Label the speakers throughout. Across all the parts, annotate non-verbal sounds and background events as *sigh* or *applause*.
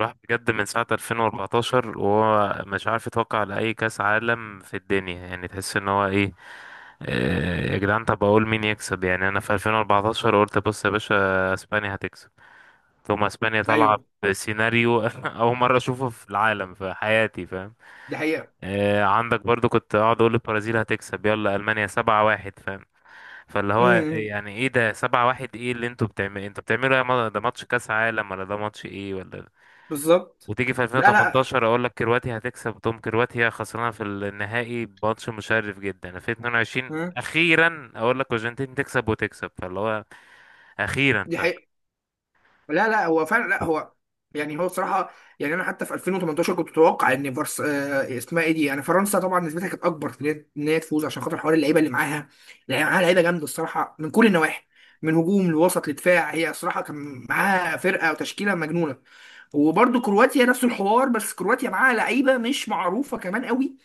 Speaker 1: راح بجد من ساعة 2014 وهو مش عارف يتوقع لأي كأس عالم في الدنيا، يعني تحس ان هو ايه. يا جدعان، طب اقول مين يكسب؟ يعني انا في 2014 قلت بص يا باشا، اسبانيا هتكسب، ثم اسبانيا طالعة
Speaker 2: ايوه،
Speaker 1: بسيناريو *laughs* اول مرة اشوفه في العالم في حياتي، فاهم.
Speaker 2: دي حقيقه.
Speaker 1: عندك برضو كنت اقعد اقول البرازيل هتكسب، يلا المانيا سبعة واحد فاهم. فاللي هو
Speaker 2: امم.
Speaker 1: يعني ايه ده سبعة واحد، ايه اللي انتوا بتعملوا؟ انتوا بتعملوا إيه يا ما- ده ماتش كاس عالم ولا ده ماتش ايه ولا.
Speaker 2: بالظبط.
Speaker 1: وتيجي في
Speaker 2: لا، لا.
Speaker 1: 2018 اقول لك كرواتيا هتكسب، تقوم كرواتيا خسرانه في النهائي بماتش مشرف جدا. في 22
Speaker 2: مم.
Speaker 1: اخيرا اقول لك الارجنتين تكسب وتكسب، فاللي هو اخيرا
Speaker 2: دي حقيقه. لا، لا، هو فعلا. لا، هو بصراحه. يعني انا حتى في 2018 كنت متوقع ان فرس آه اسمها ايه دي، يعني فرنسا طبعا. نسبتها كانت اكبر في ان هي إن هي تفوز عشان خاطر حوار اللعيبه اللي معاها. لعيبه جامده الصراحه من كل النواحي، من هجوم لوسط لدفاع. هي الصراحه كان معاها فرقه وتشكيله مجنونه. وبرضه كرواتيا نفس الحوار، بس كرواتيا معاها لعيبه مش معروفه كمان قوي،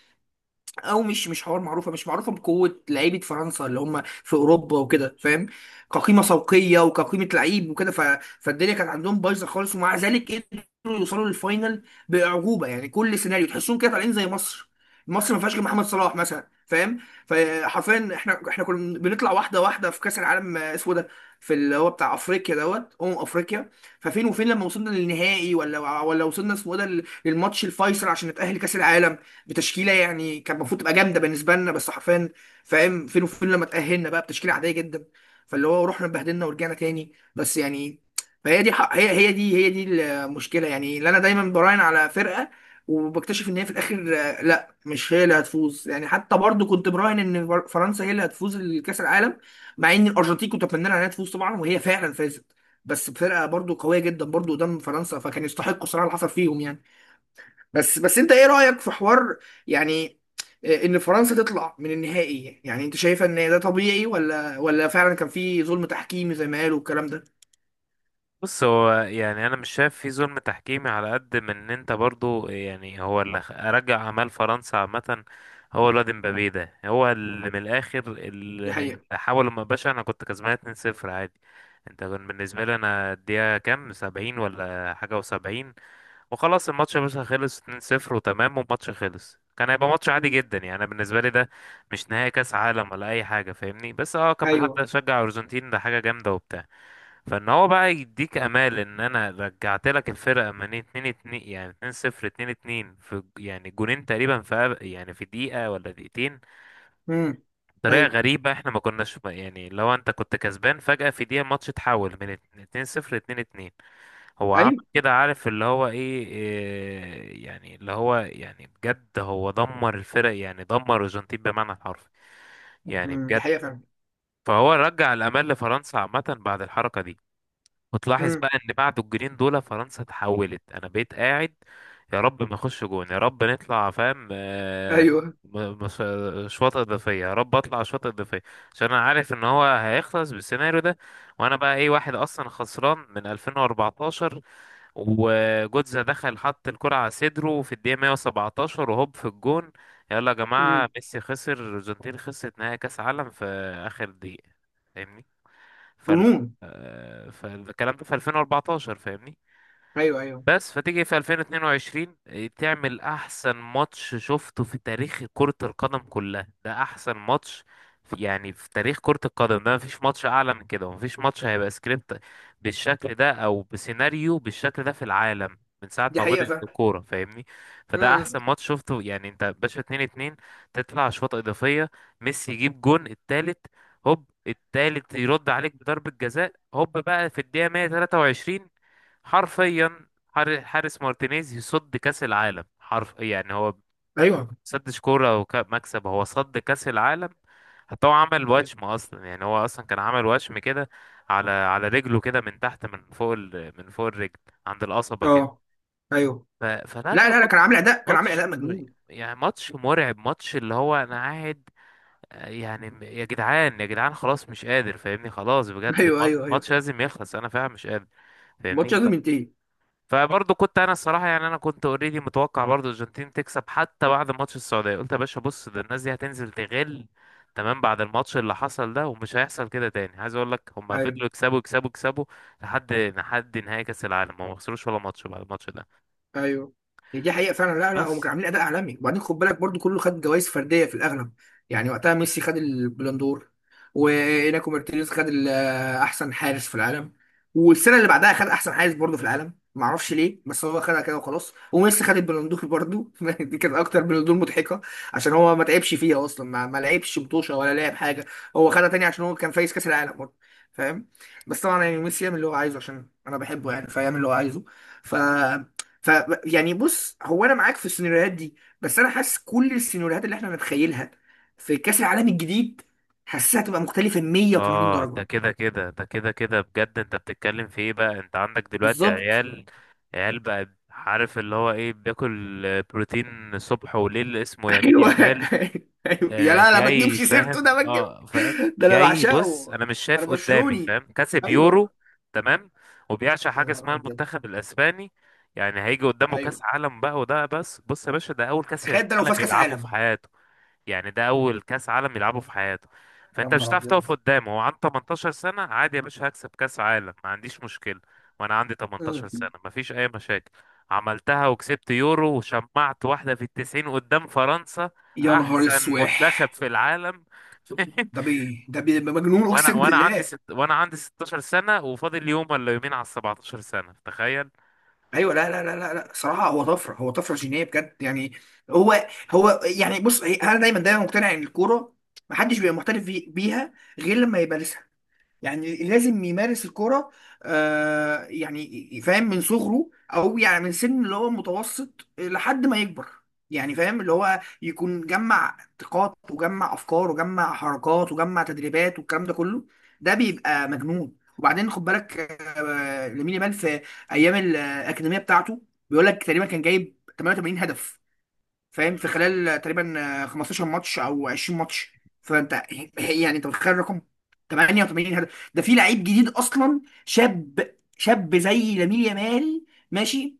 Speaker 2: او مش حوار معروفه، مش معروفه بقوه لعيبه فرنسا اللي هم في اوروبا وكده، فاهم؟ كقيمه سوقيه وكقيمه لعيب وكده. فالدنيا كانت عندهم بايظه خالص، ومع ذلك قدروا يوصلوا للفاينل باعجوبه. يعني كل سيناريو تحسهم كده طالعين زي مصر. مصر ما فيهاش غير محمد صلاح مثلا، فاهم؟ فحرفيا احنا كنا بنطلع واحده واحده في كاس العالم اسمه ده، في اللي هو بتاع افريقيا دوت افريقيا. ففين وفين لما وصلنا للنهائي، ولا وصلنا اسمه ده للماتش الفيصل عشان نتاهل كاس العالم بتشكيله يعني كان المفروض تبقى جامده بالنسبه لنا، بس حرفيا فاهم فين وفين لما تاهلنا بقى بتشكيله عاديه جدا. فاللي هو رحنا اتبهدلنا ورجعنا تاني، بس يعني فهي دي حق هي هي دي هي دي المشكله. يعني اللي انا دايما براهن على فرقه وبكتشف ان هي في الاخر، لا، مش هي اللي هتفوز. يعني حتى برضو كنت براهن ان فرنسا هي اللي هتفوز الكاس العالم، مع ان الارجنتين كنت اتمنى لها انها تفوز طبعا، وهي فعلا فازت بس بفرقه برضو قويه جدا برضو قدام فرنسا، فكان يستحقوا صراحه اللي حصل فيهم يعني. بس بس انت ايه رأيك في حوار، يعني، ان فرنسا تطلع من النهائي؟ يعني انت شايفه ان ده طبيعي، ولا فعلا كان في ظلم تحكيمي زي ما قالوا الكلام ده؟
Speaker 1: بص هو يعني انا مش شايف في ظلم تحكيمي، على قد من ان انت برضو، يعني هو رجع اعمال فرنسا عامه. هو الواد مبابي ده هو اللي من الاخر
Speaker 2: دي
Speaker 1: اللي
Speaker 2: حقيقة.
Speaker 1: حاول. ما باشا انا كنت كسبان 2-0 عادي. انت كان بالنسبه لي انا الدقيقه كام، 70 ولا حاجه و70، وخلاص الماتش يا باشا خلص 2-0 وتمام، والماتش خلص كان هيبقى ماتش عادي
Speaker 2: مم.
Speaker 1: جدا. يعني انا بالنسبه لي ده مش نهائي كاس عالم ولا اي حاجه فاهمني، بس اه كان حد
Speaker 2: ايوه.
Speaker 1: شجع ارجنتين ده حاجه جامده وبتاع. فان هو بقى يديك امال ان انا رجعت لك الفرقه من 2 2، يعني 2 0 2 2، في يعني جونين تقريبا في يعني في دقيقه ولا دقيقتين،
Speaker 2: امم.
Speaker 1: بطريقه
Speaker 2: ايوه.
Speaker 1: غريبه. احنا ما كناش يعني، لو انت كنت كسبان فجاه في دقيقه الماتش اتحول من 2 0 2 2، هو عمل
Speaker 2: ايوه.
Speaker 1: كده. عارف اللي هو ايه يعني اللي هو يعني بجد هو دمر الفرق، يعني دمر الارجنتين بمعنى الحرفي، يعني
Speaker 2: امم. دي
Speaker 1: بجد.
Speaker 2: حقيقة فعلا.
Speaker 1: فهو رجع الامال لفرنسا عامه بعد الحركه دي، وتلاحظ
Speaker 2: امم.
Speaker 1: بقى ان بعد الجولين دول فرنسا اتحولت. انا بقيت قاعد يا رب ما نخش جون، يا رب نطلع، فاهم.
Speaker 2: ايوه.
Speaker 1: م- مش- شوطة إضافية يا رب، أطلع شوطة إضافية، عشان أنا عارف إن هو هيخلص بالسيناريو ده. وأنا بقى إيه، واحد أصلا خسران من 2014. وجوتزا دخل حط الكرة على صدره في الدقيقة 117 وهوب في الجون. يلا يا جماعة،
Speaker 2: امم.
Speaker 1: ميسي خسر، الأرجنتين خسرت نهائي كأس عالم في آخر دقيقة فاهمني. فال
Speaker 2: جنون.
Speaker 1: فالكلام ده في 2014 فاهمني.
Speaker 2: ايوه، ايوه.
Speaker 1: بس فتيجي في 2022 تعمل احسن ماتش شفته في تاريخ كرة القدم كلها، ده احسن ماتش في يعني في تاريخ كرة القدم، ده مفيش ماتش اعلى من كده، ومفيش ماتش هيبقى سكريبت بالشكل ده او بسيناريو بالشكل ده في العالم من ساعة
Speaker 2: دي
Speaker 1: ما
Speaker 2: حقيقة
Speaker 1: بدأت
Speaker 2: فعلا.
Speaker 1: الكورة فاهمني. فده
Speaker 2: امم.
Speaker 1: احسن ماتش شفته. يعني انت باشا 2 2، تطلع اشواط اضافية، ميسي يجيب جون التالت، هوب التالت يرد عليك بضربة جزاء، هوب بقى في الدقيقة 123، حرفيا. حارس مارتينيز يصد كأس العالم، حرف. يعني هو
Speaker 2: ايوه.
Speaker 1: سدش كورة ومكسب، هو صد كأس العالم. حتى هو عمل وشم اصلا، يعني هو اصلا كان عمل وشم كده على رجله كده من تحت، من فوق ال... من فوق الرجل عند القصبة كده.
Speaker 2: اه. ايوه.
Speaker 1: فلا
Speaker 2: لا،
Speaker 1: لا
Speaker 2: لا، لا، كان عامل اداء، كان عامل
Speaker 1: ماتش،
Speaker 2: اداء مجنون.
Speaker 1: يعني ماتش مرعب، ماتش اللي هو انا قاعد آه، يعني م- يا جدعان، يا جدعان، خلاص مش قادر فاهمني، خلاص
Speaker 2: *laughs*
Speaker 1: بجد
Speaker 2: ايوه، ايوه، ايوه.
Speaker 1: ماتش لازم يخلص، انا فعلا مش قادر
Speaker 2: الماتش
Speaker 1: فاهمني.
Speaker 2: لازم ينتهي.
Speaker 1: فبرضه كنت انا الصراحه، يعني انا كنت اوريدي متوقع برضه الارجنتين تكسب، حتى بعد ماتش السعوديه قلت يا باشا بص ده الناس دي هتنزل تغل. تمام بعد الماتش اللي حصل ده ومش هيحصل كده تاني عايز اقول لك، هم
Speaker 2: ايوه،
Speaker 1: فضلوا يكسبوا يكسبوا يكسبوا لحد نهائي كاس العالم، هم ما خسروش ولا ماتش بعد الماتش ده.
Speaker 2: ايوه. هي دي حقيقه فعلا. لا، لا، هم كانوا
Speaker 1: بس
Speaker 2: عاملين اداء عالمي. وبعدين خد بالك برضو كله خد جوائز فرديه في الاغلب. يعني وقتها ميسي خد البلندور، وإناكو مارتينيز خد ال- احسن حارس في العالم، والسنه اللي بعدها خد احسن حارس برضو في العالم، ما اعرفش ليه بس هو خدها كده وخلاص. وميسي خد البلندور برضو *laughs* دي كانت اكتر بلندور مضحكه، عشان هو ما تعبش فيها اصلا، ما لعبش مطوشه ولا لعب حاجه. هو خدها تاني عشان هو كان فايز كاس العالم برضو، فاهم؟ بس طبعا يعني ميسي يعمل اللي هو عايزه عشان انا بحبه، يعني فيعمل اللي هو عايزه. ف ف يعني بص، هو انا معاك في السيناريوهات دي، بس انا حاسس كل السيناريوهات اللي احنا نتخيلها في كاس العالم الجديد حاسسها هتبقى مختلفه 180
Speaker 1: اه
Speaker 2: درجه.
Speaker 1: ده كده كده ده كده كده بجد، انت بتتكلم في ايه بقى؟ انت عندك دلوقتي
Speaker 2: بالظبط.
Speaker 1: عيال، عيال بقى عارف اللي هو ايه، بياكل بروتين الصبح وليل اسمه يمين
Speaker 2: ايوه *laughs*
Speaker 1: يامال.
Speaker 2: أيوة. يا لا لا، ما
Speaker 1: جاي
Speaker 2: تجيبش سيرته ده
Speaker 1: فاهم،
Speaker 2: ما تجيب.
Speaker 1: اه فاهم
Speaker 2: ده انا
Speaker 1: جاي.
Speaker 2: بعشقه،
Speaker 1: بص انا مش
Speaker 2: ما انا
Speaker 1: شايف قدامي
Speaker 2: برشلوني.
Speaker 1: فاهم، كسب
Speaker 2: ايوه.
Speaker 1: يورو تمام، وبيعشق
Speaker 2: يا
Speaker 1: حاجه
Speaker 2: نهار
Speaker 1: اسمها
Speaker 2: ابيض.
Speaker 1: المنتخب الاسباني، يعني هيجي قدامه كاس
Speaker 2: ايوه.
Speaker 1: عالم بقى، وده بس بص يا باشا ده اول كاس
Speaker 2: تخيل ده لو
Speaker 1: عالم
Speaker 2: فاز كاس
Speaker 1: يلعبه في
Speaker 2: عالم.
Speaker 1: حياته، يعني ده اول كاس عالم يلعبه في حياته.
Speaker 2: يا
Speaker 1: فانت مش
Speaker 2: نهار
Speaker 1: هتعرف
Speaker 2: ابيض.
Speaker 1: تقف قدامه، هو عنده 18 سنه عادي يا باشا هكسب كاس عالم ما عنديش مشكله. وانا عندي 18
Speaker 2: مم.
Speaker 1: سنه مفيش اي مشاكل، عملتها وكسبت يورو وشمعت واحده في التسعين قدام فرنسا،
Speaker 2: يا نهار
Speaker 1: احسن
Speaker 2: اسوح.
Speaker 1: منتخب في العالم. *laughs*
Speaker 2: ده بيه، ده بيه مجنون اقسم بالله.
Speaker 1: وانا عندي 16 سنه، وفاضل يوم ولا يومين على ال 17 سنه، تخيل.
Speaker 2: ايوه. لا، لا، لا، لا، لا، صراحه هو طفره، هو طفره جينيه بجد يعني. هو هو يعني بص انا دايما دايما مقتنع ان الكوره ما حدش بيبقى محترف بيها غير لما يبقى، يعني لازم يمارس الكرة. يعني فاهم من صغره، او يعني من سن اللي هو متوسط لحد ما يكبر، يعني فاهم اللي هو يكون جمع طاقات وجمع افكار وجمع حركات وجمع تدريبات والكلام ده كله، ده بيبقى مجنون. وبعدين خد بالك، لامين يامال في ايام الاكاديميه بتاعته بيقول لك تقريبا كان جايب 88 هدف، فاهم؟ في
Speaker 1: نهار اسود!
Speaker 2: خلال تقريبا 15 ماتش او 20 ماتش. فانت يعني انت متخيل الرقم؟ 88 هدف ده في لعيب جديد اصلا، شاب شاب زي لامين يامال. ماشي.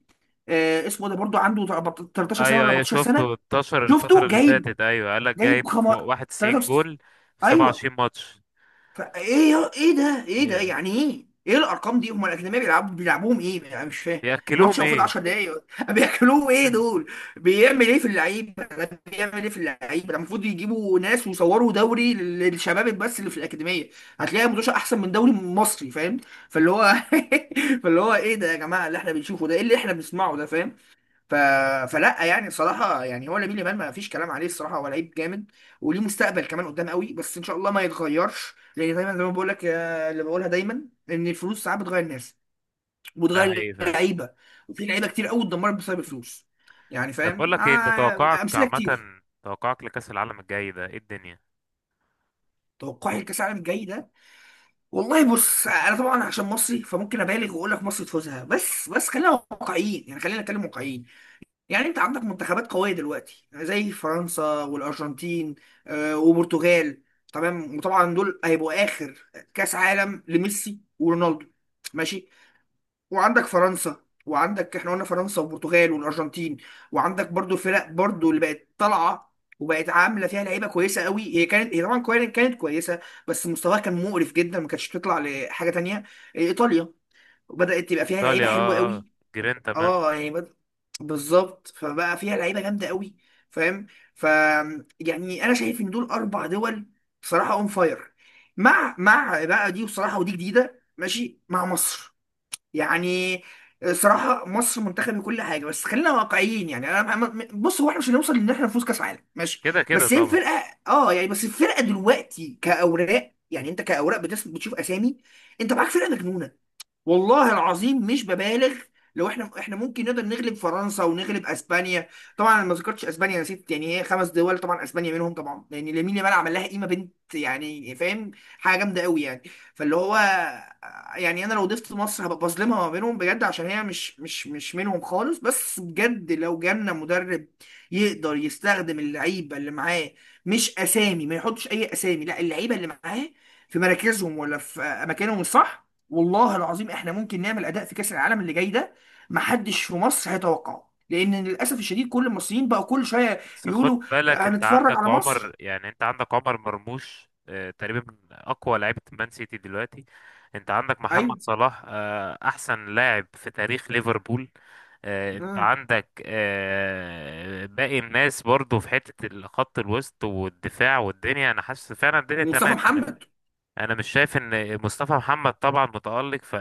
Speaker 2: اسمه ده برضو عنده 13 سنه ولا
Speaker 1: ايوه ايوه
Speaker 2: 14 سنه.
Speaker 1: شفته انتشر الفترة
Speaker 2: شفته
Speaker 1: اللي
Speaker 2: جايب،
Speaker 1: فاتت، ايوه قال لك
Speaker 2: جايب
Speaker 1: جايب فوق 91
Speaker 2: 63،
Speaker 1: جول في
Speaker 2: ايوه.
Speaker 1: 27 ماتش.
Speaker 2: فايه ايه ده، ايه ده
Speaker 1: هي
Speaker 2: يعني؟ ايه ايه الارقام دي؟ هم الاجنبيه بيلعبوا بيلعبوهم ايه؟ انا مش فاهم. الماتش
Speaker 1: ياكلوهم
Speaker 2: المفروض
Speaker 1: ايه؟
Speaker 2: 10 دقايق *laughs* بياكلوه ايه
Speaker 1: *laughs*
Speaker 2: دول؟ بيعمل ايه في اللعيبه ده، بيعمل ايه في اللعيبه ده؟ المفروض يجيبوا ناس ويصوروا دوري للشباب بس اللي في الاكاديميه، هتلاقي مدوشه احسن من دوري مصري، فاهم؟ فاللي هو *laughs* فاللي هو ايه ده يا جماعه؟ اللي احنا بنشوفه ده ايه اللي احنا بنسمعه ده، فاهم؟ ف... فلا يعني صراحة يعني هو لامين يامال ما فيش كلام عليه الصراحة، هو لعيب جامد وليه مستقبل كمان قدام قوي. بس ان شاء الله ما يتغيرش، لان دايما زي ما بقول لك، اللي بقولها دايما ان الفلوس ساعات بتغير الناس
Speaker 1: ده
Speaker 2: وبتغير
Speaker 1: حقيقي فعلا.
Speaker 2: اللعيبه، وفي لعيبه كتير قوي اتدمرت بسبب الفلوس. يعني
Speaker 1: طب بقول
Speaker 2: فاهم،
Speaker 1: لك ايه، انت توقعك
Speaker 2: امثله
Speaker 1: عامه،
Speaker 2: كتير.
Speaker 1: توقعك لكأس العالم الجاي ده ايه الدنيا؟
Speaker 2: توقعي لكاس العالم الجاي ده، والله بص انا طبعا عشان مصري فممكن ابالغ واقول لك مصر تفوزها، بس خلينا واقعيين، يعني خلينا نتكلم واقعيين. يعني انت عندك منتخبات قوية دلوقتي زي فرنسا والأرجنتين، وبرتغال. تمام. وطبعا دول هيبقوا آخر كأس عالم لميسي ورونالدو. ماشي. وعندك فرنسا وعندك، احنا قلنا فرنسا وبرتغال والأرجنتين. وعندك برضو الفرق برضو اللي بقت طالعة وبقت عاملة فيها لعيبة كويسة قوي. هي كانت، هي طبعا كانت كويسة بس مستواها كان مقرف جدا، ما كانتش تطلع لحاجة تانية. إيطاليا بدأت تبقى فيها لعيبة
Speaker 1: ايطاليا
Speaker 2: حلوة
Speaker 1: اه اه،
Speaker 2: قوي.
Speaker 1: جيرين تمام.
Speaker 2: اه يعني بالظبط، فبقى فيها لعيبه جامده قوي، فاهم؟ ف يعني انا شايف ان دول اربع دول بصراحه اون فاير، مع مع بقى دي بصراحه، ودي جديده، ماشي، مع مصر يعني. صراحه مصر منتخب كل حاجه، بس خلينا واقعيين، يعني انا بص هو احنا مش هنوصل ان احنا نفوز كاس عالم، ماشي،
Speaker 1: كده كده
Speaker 2: بس هي
Speaker 1: طبعا.
Speaker 2: الفرقه، اه يعني بس الفرقه دلوقتي كاوراق، يعني انت كاوراق بتشوف اسامي، انت معاك فرقه مجنونه، والله العظيم مش ببالغ. لو احنا ممكن نقدر نغلب فرنسا ونغلب اسبانيا. طبعا انا ما ذكرتش اسبانيا، يا ست يعني هي خمس دول طبعا، اسبانيا منهم طبعا، لان لامين يامال عمل لها قيمه بنت يعني فاهم، حاجه جامده قوي يعني. فاللي هو يعني انا لو ضفت مصر هبقى بظلمها ما بينهم بجد، عشان هي مش منهم خالص، بس بجد لو جالنا مدرب يقدر يستخدم اللعيبه اللي معاه، مش اسامي، ما يحطش اي اسامي، لا، اللعيبه اللي معاه في مراكزهم ولا في اماكنهم الصح، والله العظيم احنا ممكن نعمل اداء في كاس العالم اللي جاي ده محدش في مصر هيتوقعه، لان للاسف الشديد كل المصريين بقى كل شويه
Speaker 1: بس خد
Speaker 2: يقولوا
Speaker 1: بالك انت
Speaker 2: هنتفرج
Speaker 1: عندك
Speaker 2: على
Speaker 1: عمر،
Speaker 2: مصر.
Speaker 1: يعني انت عندك عمر مرموش تقريبا من اقوى لعيبه مان سيتي دلوقتي. انت عندك محمد
Speaker 2: ايوه.
Speaker 1: صلاح احسن لاعب في تاريخ ليفربول. انت
Speaker 2: آه.
Speaker 1: عندك باقي الناس برضو في حته الخط الوسط والدفاع، والدنيا انا حاسس فعلا الدنيا
Speaker 2: ومصطفى
Speaker 1: تمام يعني.
Speaker 2: محمد.
Speaker 1: انا مش شايف ان مصطفى محمد طبعا متالق،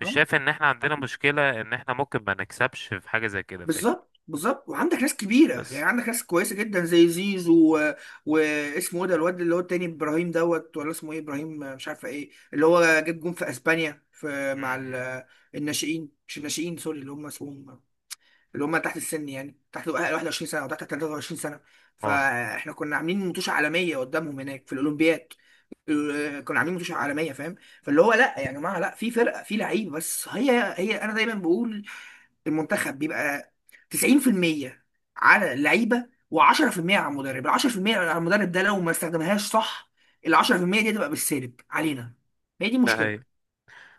Speaker 1: مش
Speaker 2: آه.
Speaker 1: شايف ان احنا عندنا مشكله، ان احنا ممكن ما نكسبش في حاجه زي كده فاهم.
Speaker 2: بالظبط، بالظبط. وعندك ناس كبيره يعني
Speaker 1: بس
Speaker 2: عندك ناس كويسه جدا زي زيزو و... واسمه ايه ده الواد اللي هو التاني، ابراهيم دوت ولا اسمه ايه، ابراهيم، مش عارفه ايه اللي هو جاب جون في اسبانيا في
Speaker 1: م-
Speaker 2: مع
Speaker 1: م.
Speaker 2: ال... الناشئين، مش الناشئين، سوري، اللي هم اسمهم، اللي هم تحت السن، يعني تحت 21 سنه او تحت 23 سنه.
Speaker 1: اه
Speaker 2: فاحنا كنا عاملين متوشه عالميه قدامهم هناك في الاولمبياد، ال- كنا عاملين متوشه عالميه، فاهم؟ فاللي هو لا يعني يا جماعه، لا، في فرقه، في لعيب، بس هي، هي انا دايما بقول المنتخب بيبقى 90% على اللعيبه و10% على المدرب. ال 10% على المدرب ده لو ما استخدمهاش صح، ال 10% دي هتبقى بالسالب علينا، هي دي
Speaker 1: ده هي.
Speaker 2: مشكله.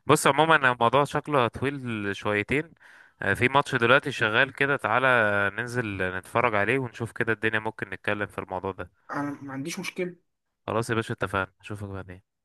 Speaker 1: بص عموما الموضوع شكله طويل شويتين، في ماتش دلوقتي شغال كده، تعالى ننزل نتفرج عليه ونشوف كده الدنيا، ممكن نتكلم في الموضوع ده.
Speaker 2: انا ما عنديش مشكله.
Speaker 1: خلاص يا باشا اتفقنا، اشوفك بعدين.